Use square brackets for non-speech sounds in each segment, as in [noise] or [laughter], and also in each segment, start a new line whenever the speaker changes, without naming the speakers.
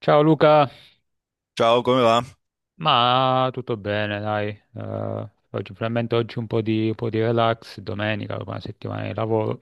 Ciao Luca,
Ciao, come va?
ma tutto bene, dai. Oggi, finalmente oggi un po' di relax, domenica, dopo una settimana di lavoro.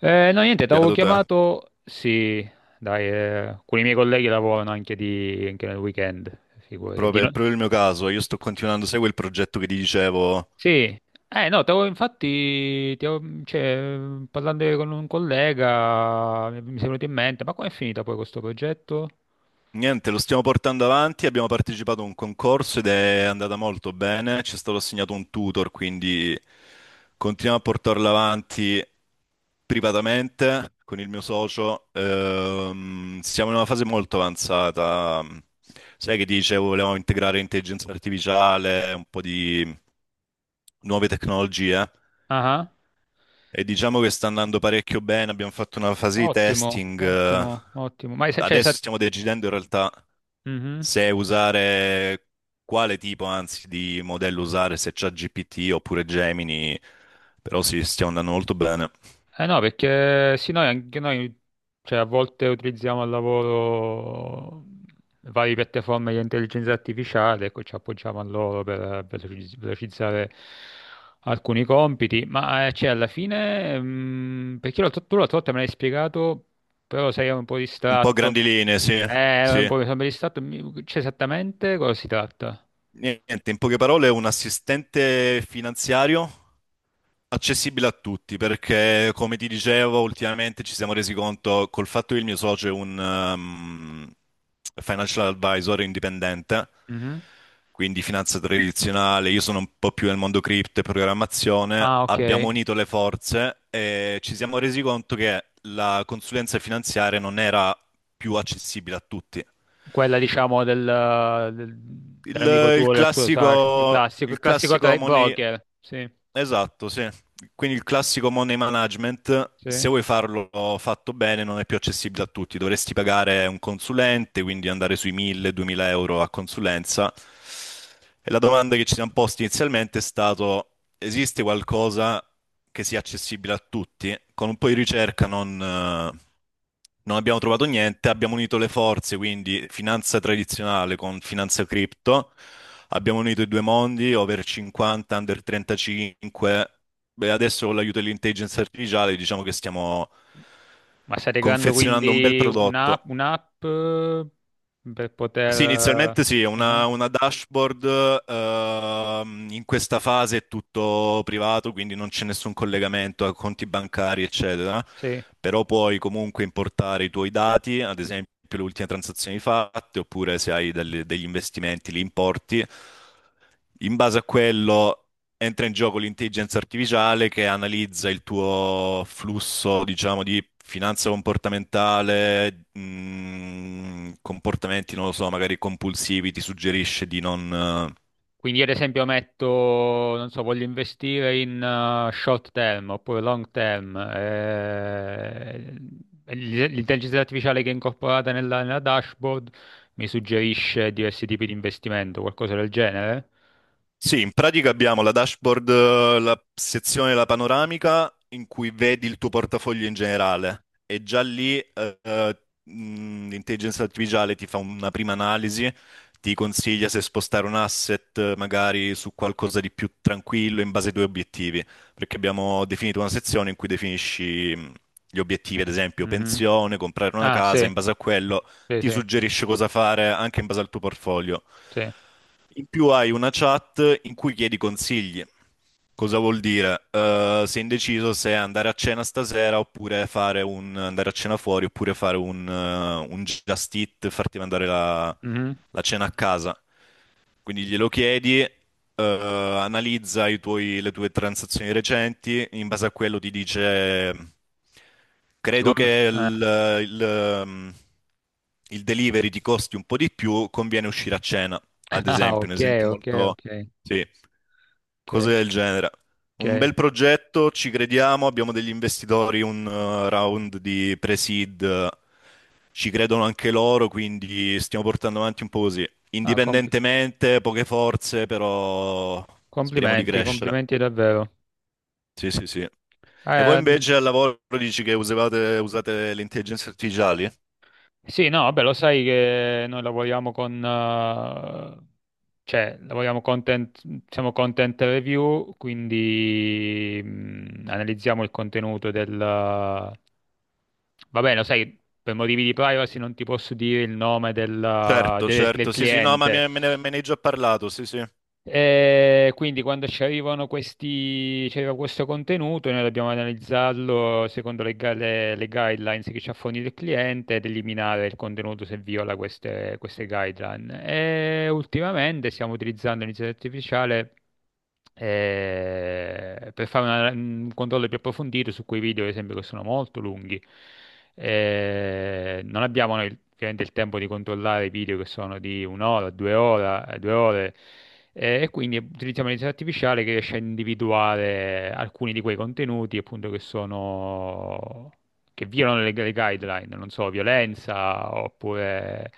Eh no, niente, ti avevo
Beato te.
chiamato, sì, dai, alcuni miei colleghi lavorano anche, di, anche nel weekend, figurati. Di
Proprio, è
no-
proprio il mio caso. Io sto continuando, sai quel progetto che ti dicevo?
Sì, eh no, cioè, parlando con un collega mi è venuto in mente, ma com'è finita poi questo progetto?
Niente, lo stiamo portando avanti. Abbiamo partecipato a un concorso ed è andata molto bene. Ci è stato assegnato un tutor, quindi continuiamo a portarlo avanti privatamente con il mio socio. Siamo in una fase molto avanzata. Sai che ti dicevo, volevamo integrare intelligenza artificiale, un po' di nuove tecnologie.
Ah, ah.
E diciamo che sta andando parecchio bene, abbiamo fatto una fase di
Ottimo,
testing.
ottimo, ottimo.
Adesso stiamo decidendo in realtà
Mhm.
se usare quale tipo, anzi, di modello usare, se c'è GPT oppure Gemini, però sì, stiamo andando molto bene.
Eh no, perché sì, noi anche noi, cioè, a volte utilizziamo al lavoro varie piattaforme di intelligenza artificiale, ecco, ci appoggiamo a loro per velocizzare alcuni compiti, ma cioè, alla fine, tu l'altra volta me l'hai spiegato, però sei un po'
Un po'
distratto,
grandi linee, sì,
un
sì.
po' mi sono distratto, cioè, esattamente cosa si tratta?
Niente, in poche parole, è un assistente finanziario accessibile a tutti perché, come ti dicevo, ultimamente ci siamo resi conto col fatto che il mio socio è un financial advisor indipendente,
Mhm.
quindi finanza tradizionale, io sono un po' più nel mondo cripto e programmazione,
Ah, ok.
abbiamo unito le forze e ci siamo resi conto che la consulenza finanziaria non era più accessibile a tutti.
Quella diciamo del-
Il,
dell'amico
il
tuo, del tuo sace,
classico,
il
il
classico tra
classico
i
money.
broker, sì,
Esatto, sì. Quindi il classico money management,
sì.
se vuoi farlo fatto bene, non è più accessibile a tutti. Dovresti pagare un consulente, quindi andare sui 1.000-2.000 euro a consulenza. E la domanda che ci siamo posti inizialmente è stato, esiste qualcosa che sia accessibile a tutti? Con un po' di ricerca non abbiamo trovato niente, abbiamo unito le forze, quindi finanza tradizionale con finanza cripto, abbiamo unito i due mondi, over 50, under 35. Beh, adesso con l'aiuto dell'intelligenza artificiale diciamo che stiamo
Ma stai creando
confezionando un bel
quindi
prodotto.
un'app, per
Sì,
poter...
inizialmente sì, è
Ah,
una dashboard, in questa fase è tutto privato, quindi non c'è nessun collegamento a conti bancari, eccetera,
sì,
però puoi comunque importare i tuoi dati, ad esempio le ultime transazioni fatte, oppure se hai degli investimenti li importi. In base a quello entra in gioco l'intelligenza artificiale che analizza il tuo flusso, diciamo, di finanza comportamentale, comportamenti, non lo so, magari compulsivi, ti suggerisce di non.
quindi io ad esempio metto, non so, voglio investire in short term oppure long term, l'intelligenza artificiale che è incorporata nella dashboard mi suggerisce diversi tipi di investimento, qualcosa del genere?
Sì, in pratica abbiamo la dashboard, la sezione della panoramica in cui vedi il tuo portafoglio in generale e già lì l'intelligenza artificiale ti fa una prima analisi, ti consiglia se spostare un asset magari su qualcosa di più tranquillo in base ai tuoi obiettivi, perché abbiamo definito una sezione in cui definisci gli obiettivi, ad esempio
Mhm.
pensione, comprare una
Ah,
casa,
sì,
in base a quello
sì,
ti
sì,
suggerisce cosa fare anche in base al tuo portfolio.
sì.
In più hai una chat in cui chiedi consigli. Cosa vuol dire? Sei indeciso se andare a cena stasera oppure andare a cena fuori oppure fare un just eat, farti mandare la,
Mhm.
la cena a casa. Quindi glielo chiedi, analizza le tue transazioni recenti, in base a quello ti dice,
Ti
credo
com-
che
eh,
il delivery ti costi un po' di più, conviene uscire a cena, ad
[laughs] Ah,
esempio, un
ok,
esempio
ok,
molto.
ok,
Sì, cose
ok,
del genere. Un
ok.
bel progetto, ci crediamo, abbiamo degli investitori, un round di pre-seed, ci credono anche loro, quindi stiamo portando avanti un po' così.
Ah, compl-
Indipendentemente, poche forze, però speriamo di
complimenti,
crescere.
complimenti davvero.
Sì, sì, sì. E voi
Eh,
invece al lavoro dici che usate le intelligenze artificiali?
sì, no, vabbè, lo sai che noi lavoriamo con, cioè, lavoriamo content, siamo content review, quindi analizziamo il contenuto del... Va bene, lo sai, per motivi di privacy non ti posso dire il nome
Certo,
del, del
certo, sì, sì, no, ma
cliente.
me ne hai già parlato, sì, sì.
E quindi quando ci arrivano questi, ci arriva questo contenuto, noi dobbiamo analizzarlo secondo le guidelines che ci ha fornito il cliente ed eliminare il contenuto se viola queste guideline. E ultimamente stiamo utilizzando l'intelligenza artificiale per fare un controllo più approfondito su quei video, ad esempio, che sono molto lunghi. Non abbiamo noi ovviamente il tempo di controllare i video che sono di un'ora, due ore, e quindi utilizziamo l'intelligenza artificiale che riesce a individuare alcuni di quei contenuti, appunto, che sono... che violano le guideline, non so, violenza oppure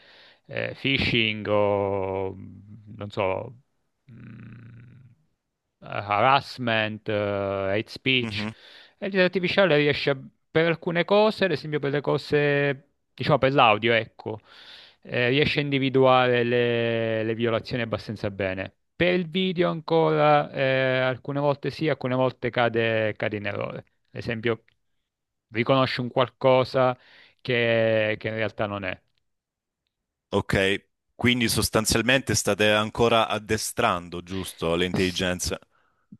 phishing o non so mh, harassment, hate speech.
Mhm.
E il artificiale per alcune cose, ad esempio per le cose, diciamo per l'audio, ecco, riesce a individuare le violazioni abbastanza bene. Per il video ancora, alcune volte sì, alcune volte cade, cade in errore. Ad esempio, riconosce un qualcosa che in realtà non è.
Ok, quindi sostanzialmente state ancora addestrando, giusto, le
S-
intelligenze?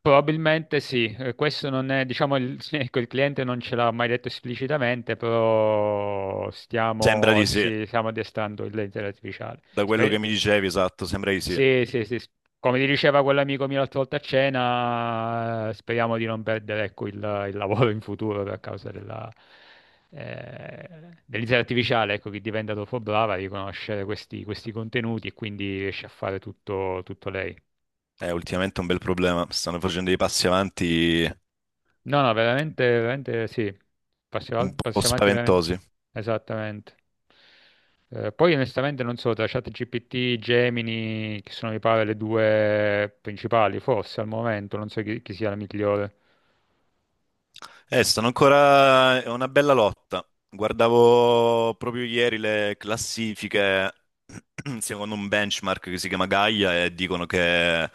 Probabilmente sì, questo non è, diciamo, il, [laughs] ecco, il cliente non ce l'ha mai detto esplicitamente, però
Sembra
stiamo,
di sì,
sì, stiamo addestrando l'intelligenza artificiale.
da quello che mi dicevi, esatto, sembra di sì.
Sì, sì, sì, come ti diceva quell'amico mio l'altra volta a cena, speriamo di non perdere, ecco, il lavoro in futuro per causa della, eh, dell'intelligenza artificiale, ecco, che diventa dopo brava a riconoscere questi, questi contenuti e quindi riesce a fare tutto tutto lei.
È ultimamente un bel problema, stanno facendo dei passi avanti
No, no, veramente, veramente sì.
un po'
Passi avanti veramente.
spaventosi.
Esattamente. Poi onestamente non so, tra ChatGPT, Gemini, che sono mi pare le due principali, forse al momento, non so chi, chi sia la migliore.
Stanno ancora, è una bella lotta. Guardavo proprio ieri le classifiche, [clears throat] secondo un benchmark che si chiama Gaia, e dicono che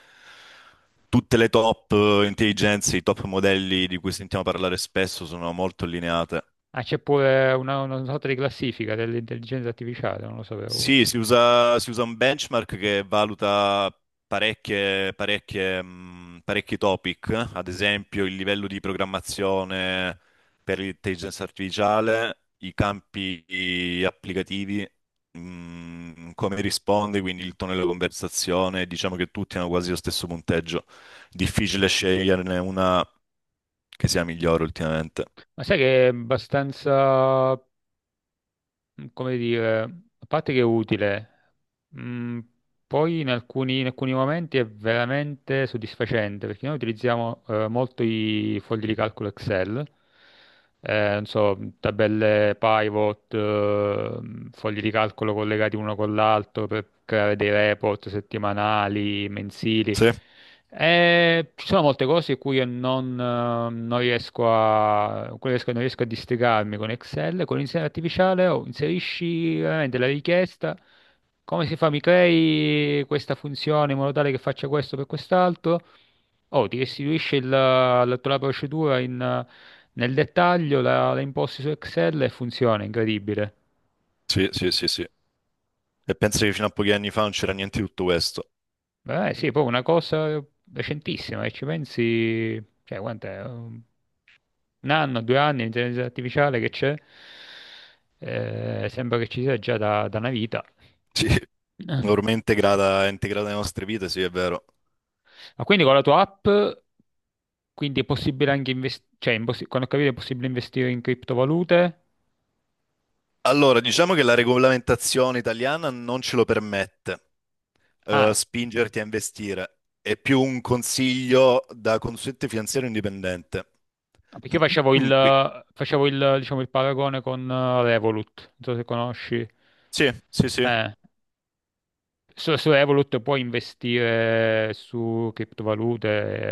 tutte le top intelligenze, i top modelli di cui sentiamo parlare spesso sono molto allineate.
Ah, c'è pure una sorta di classifica dell'intelligenza artificiale, non lo sapevo
Sì,
questo.
si usa un benchmark che valuta parecchi topic, ad esempio il livello di programmazione per l'intelligenza artificiale, i campi applicativi, come risponde, quindi il tono della conversazione, diciamo che tutti hanno quasi lo stesso punteggio. Difficile sceglierne una che sia migliore ultimamente.
Ma sai che è abbastanza, come dire, a parte che è utile, mh, poi in alcuni momenti è veramente soddisfacente perché noi utilizziamo molto i fogli di calcolo Excel, non so, tabelle pivot, fogli di calcolo collegati uno con l'altro per creare dei report settimanali, mensili.
Sì,
Ci sono molte cose in cui io non, non riesco a, non riesco a districarmi con Excel, con l'intelligenza artificiale oh, inserisci veramente la richiesta. Come si fa? Mi crei questa funzione in modo tale che faccia questo per quest'altro? Oh, ti restituisce la tua procedura in, nel dettaglio, la, la imposti su Excel e funziona, incredibile.
sì, sì, sì, sì. E penso che fino a pochi anni fa non c'era niente di tutto questo.
Beh, sì, poi una cosa recentissima, e ci pensi, cioè, quant'è? Un anno, due anni, l'intelligenza artificiale che c'è, sembra che ci sia già da una vita.
Sì. Ormai è ormai integrata, è integrata nelle nostre vite, sì, è vero.
Ma quindi con la tua app, quindi è possibile anche investire, cioè, quando ho capito è possibile investire in criptovalute?
Allora, diciamo che la regolamentazione italiana non ce lo permette,
Ah,
spingerti a investire. È più un consiglio da consulente finanziario indipendente.
no, perché io
[clears throat]
facevo
Mm, qui.
facevo il, diciamo, il paragone con Revolut, non so se conosci.
Sì, sì, sì.
Eh, su Revolut puoi investire su criptovalute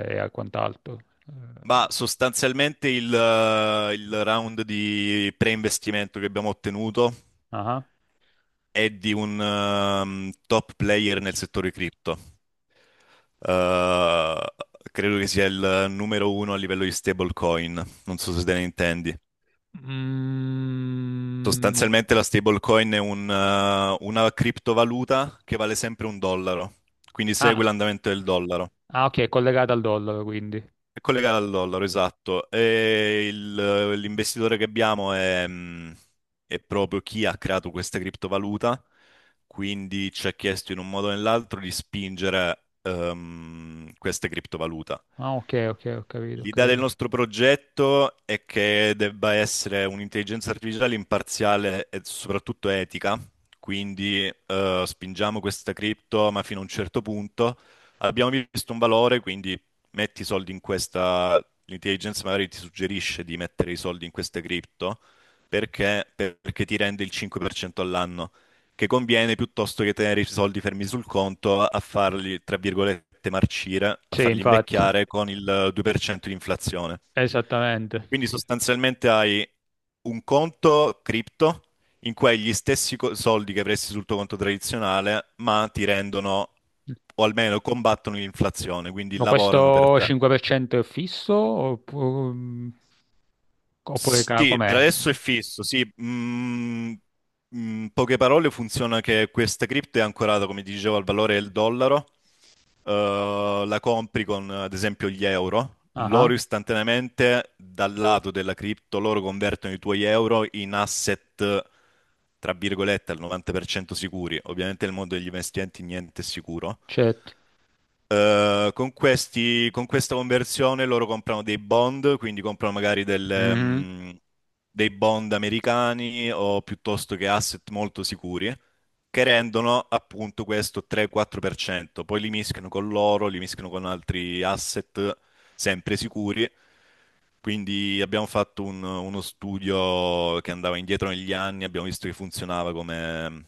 e quant'altro. Eh,
Ma sostanzialmente il round di pre-investimento che abbiamo ottenuto
ah.
è di un top player nel settore cripto. Eh, credo che sia il numero uno a livello di stablecoin. Non so se te ne intendi.
Mm,
Sostanzialmente la stablecoin è una criptovaluta che vale sempre un dollaro, quindi
ah,
segue l'andamento del dollaro.
ah, ok, è collegata al dollaro, quindi.
È collegata al dollaro, esatto. E l'investitore che abbiamo è proprio chi ha creato questa criptovaluta, quindi ci ha chiesto in un modo o nell'altro di spingere questa criptovaluta.
Ah, ok, ok, ho capito, ho
L'idea del
capito.
nostro progetto è che debba essere un'intelligenza artificiale imparziale e soprattutto etica, quindi spingiamo questa cripto, ma fino a un certo punto abbiamo visto un valore, quindi metti i soldi in questa, l'intelligenza magari ti suggerisce di mettere i soldi in questa cripto perché ti rende il 5% all'anno che conviene piuttosto che tenere i soldi fermi sul conto a farli, tra virgolette, marcire, a
Sì,
farli
infatti.
invecchiare con il 2% di inflazione.
Esattamente.
Quindi sostanzialmente hai un conto cripto in cui hai gli stessi soldi che avresti sul tuo conto tradizionale, ma ti rendono, o almeno combattono l'inflazione, quindi
Ma
lavorano per
questo
te.
5% è oppure,
Sì, per
com'è?
adesso è fisso, sì. In poche parole funziona che questa cripto è ancorata, come ti dicevo, al valore del dollaro, la compri con ad esempio gli euro,
Ah,
loro istantaneamente dal lato della cripto, loro convertono i tuoi euro in asset, tra virgolette, al 90% sicuri. Ovviamente nel mondo degli investimenti niente è sicuro.
certo.
Con questa conversione loro comprano dei bond, quindi comprano magari
Mhm.
dei bond americani o piuttosto che asset molto sicuri, che rendono appunto questo 3-4%. Poi li mischiano con l'oro, li mischiano con altri asset sempre sicuri. Quindi abbiamo fatto uno studio che andava indietro negli anni, abbiamo visto che funzionava come,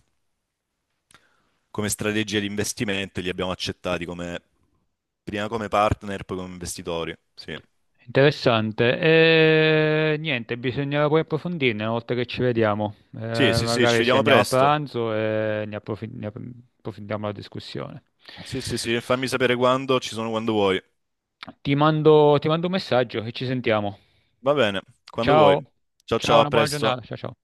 come strategia di investimento e li abbiamo accettati come prima come partner, poi come investitori. Sì.
Interessante. E, niente, bisognerà poi approfondirne una volta che ci vediamo.
Sì, sì, sì, ci
Magari sì,
vediamo
andiamo a
presto.
pranzo e ne approfondiamo la discussione.
Sì, sì, sì, fammi sapere quando, ci sono quando vuoi.
Ti mando un messaggio e ci sentiamo.
Va bene, quando vuoi.
Ciao,
Ciao,
ciao,
ciao, a
una buona giornata.
presto.
Ciao, ciao.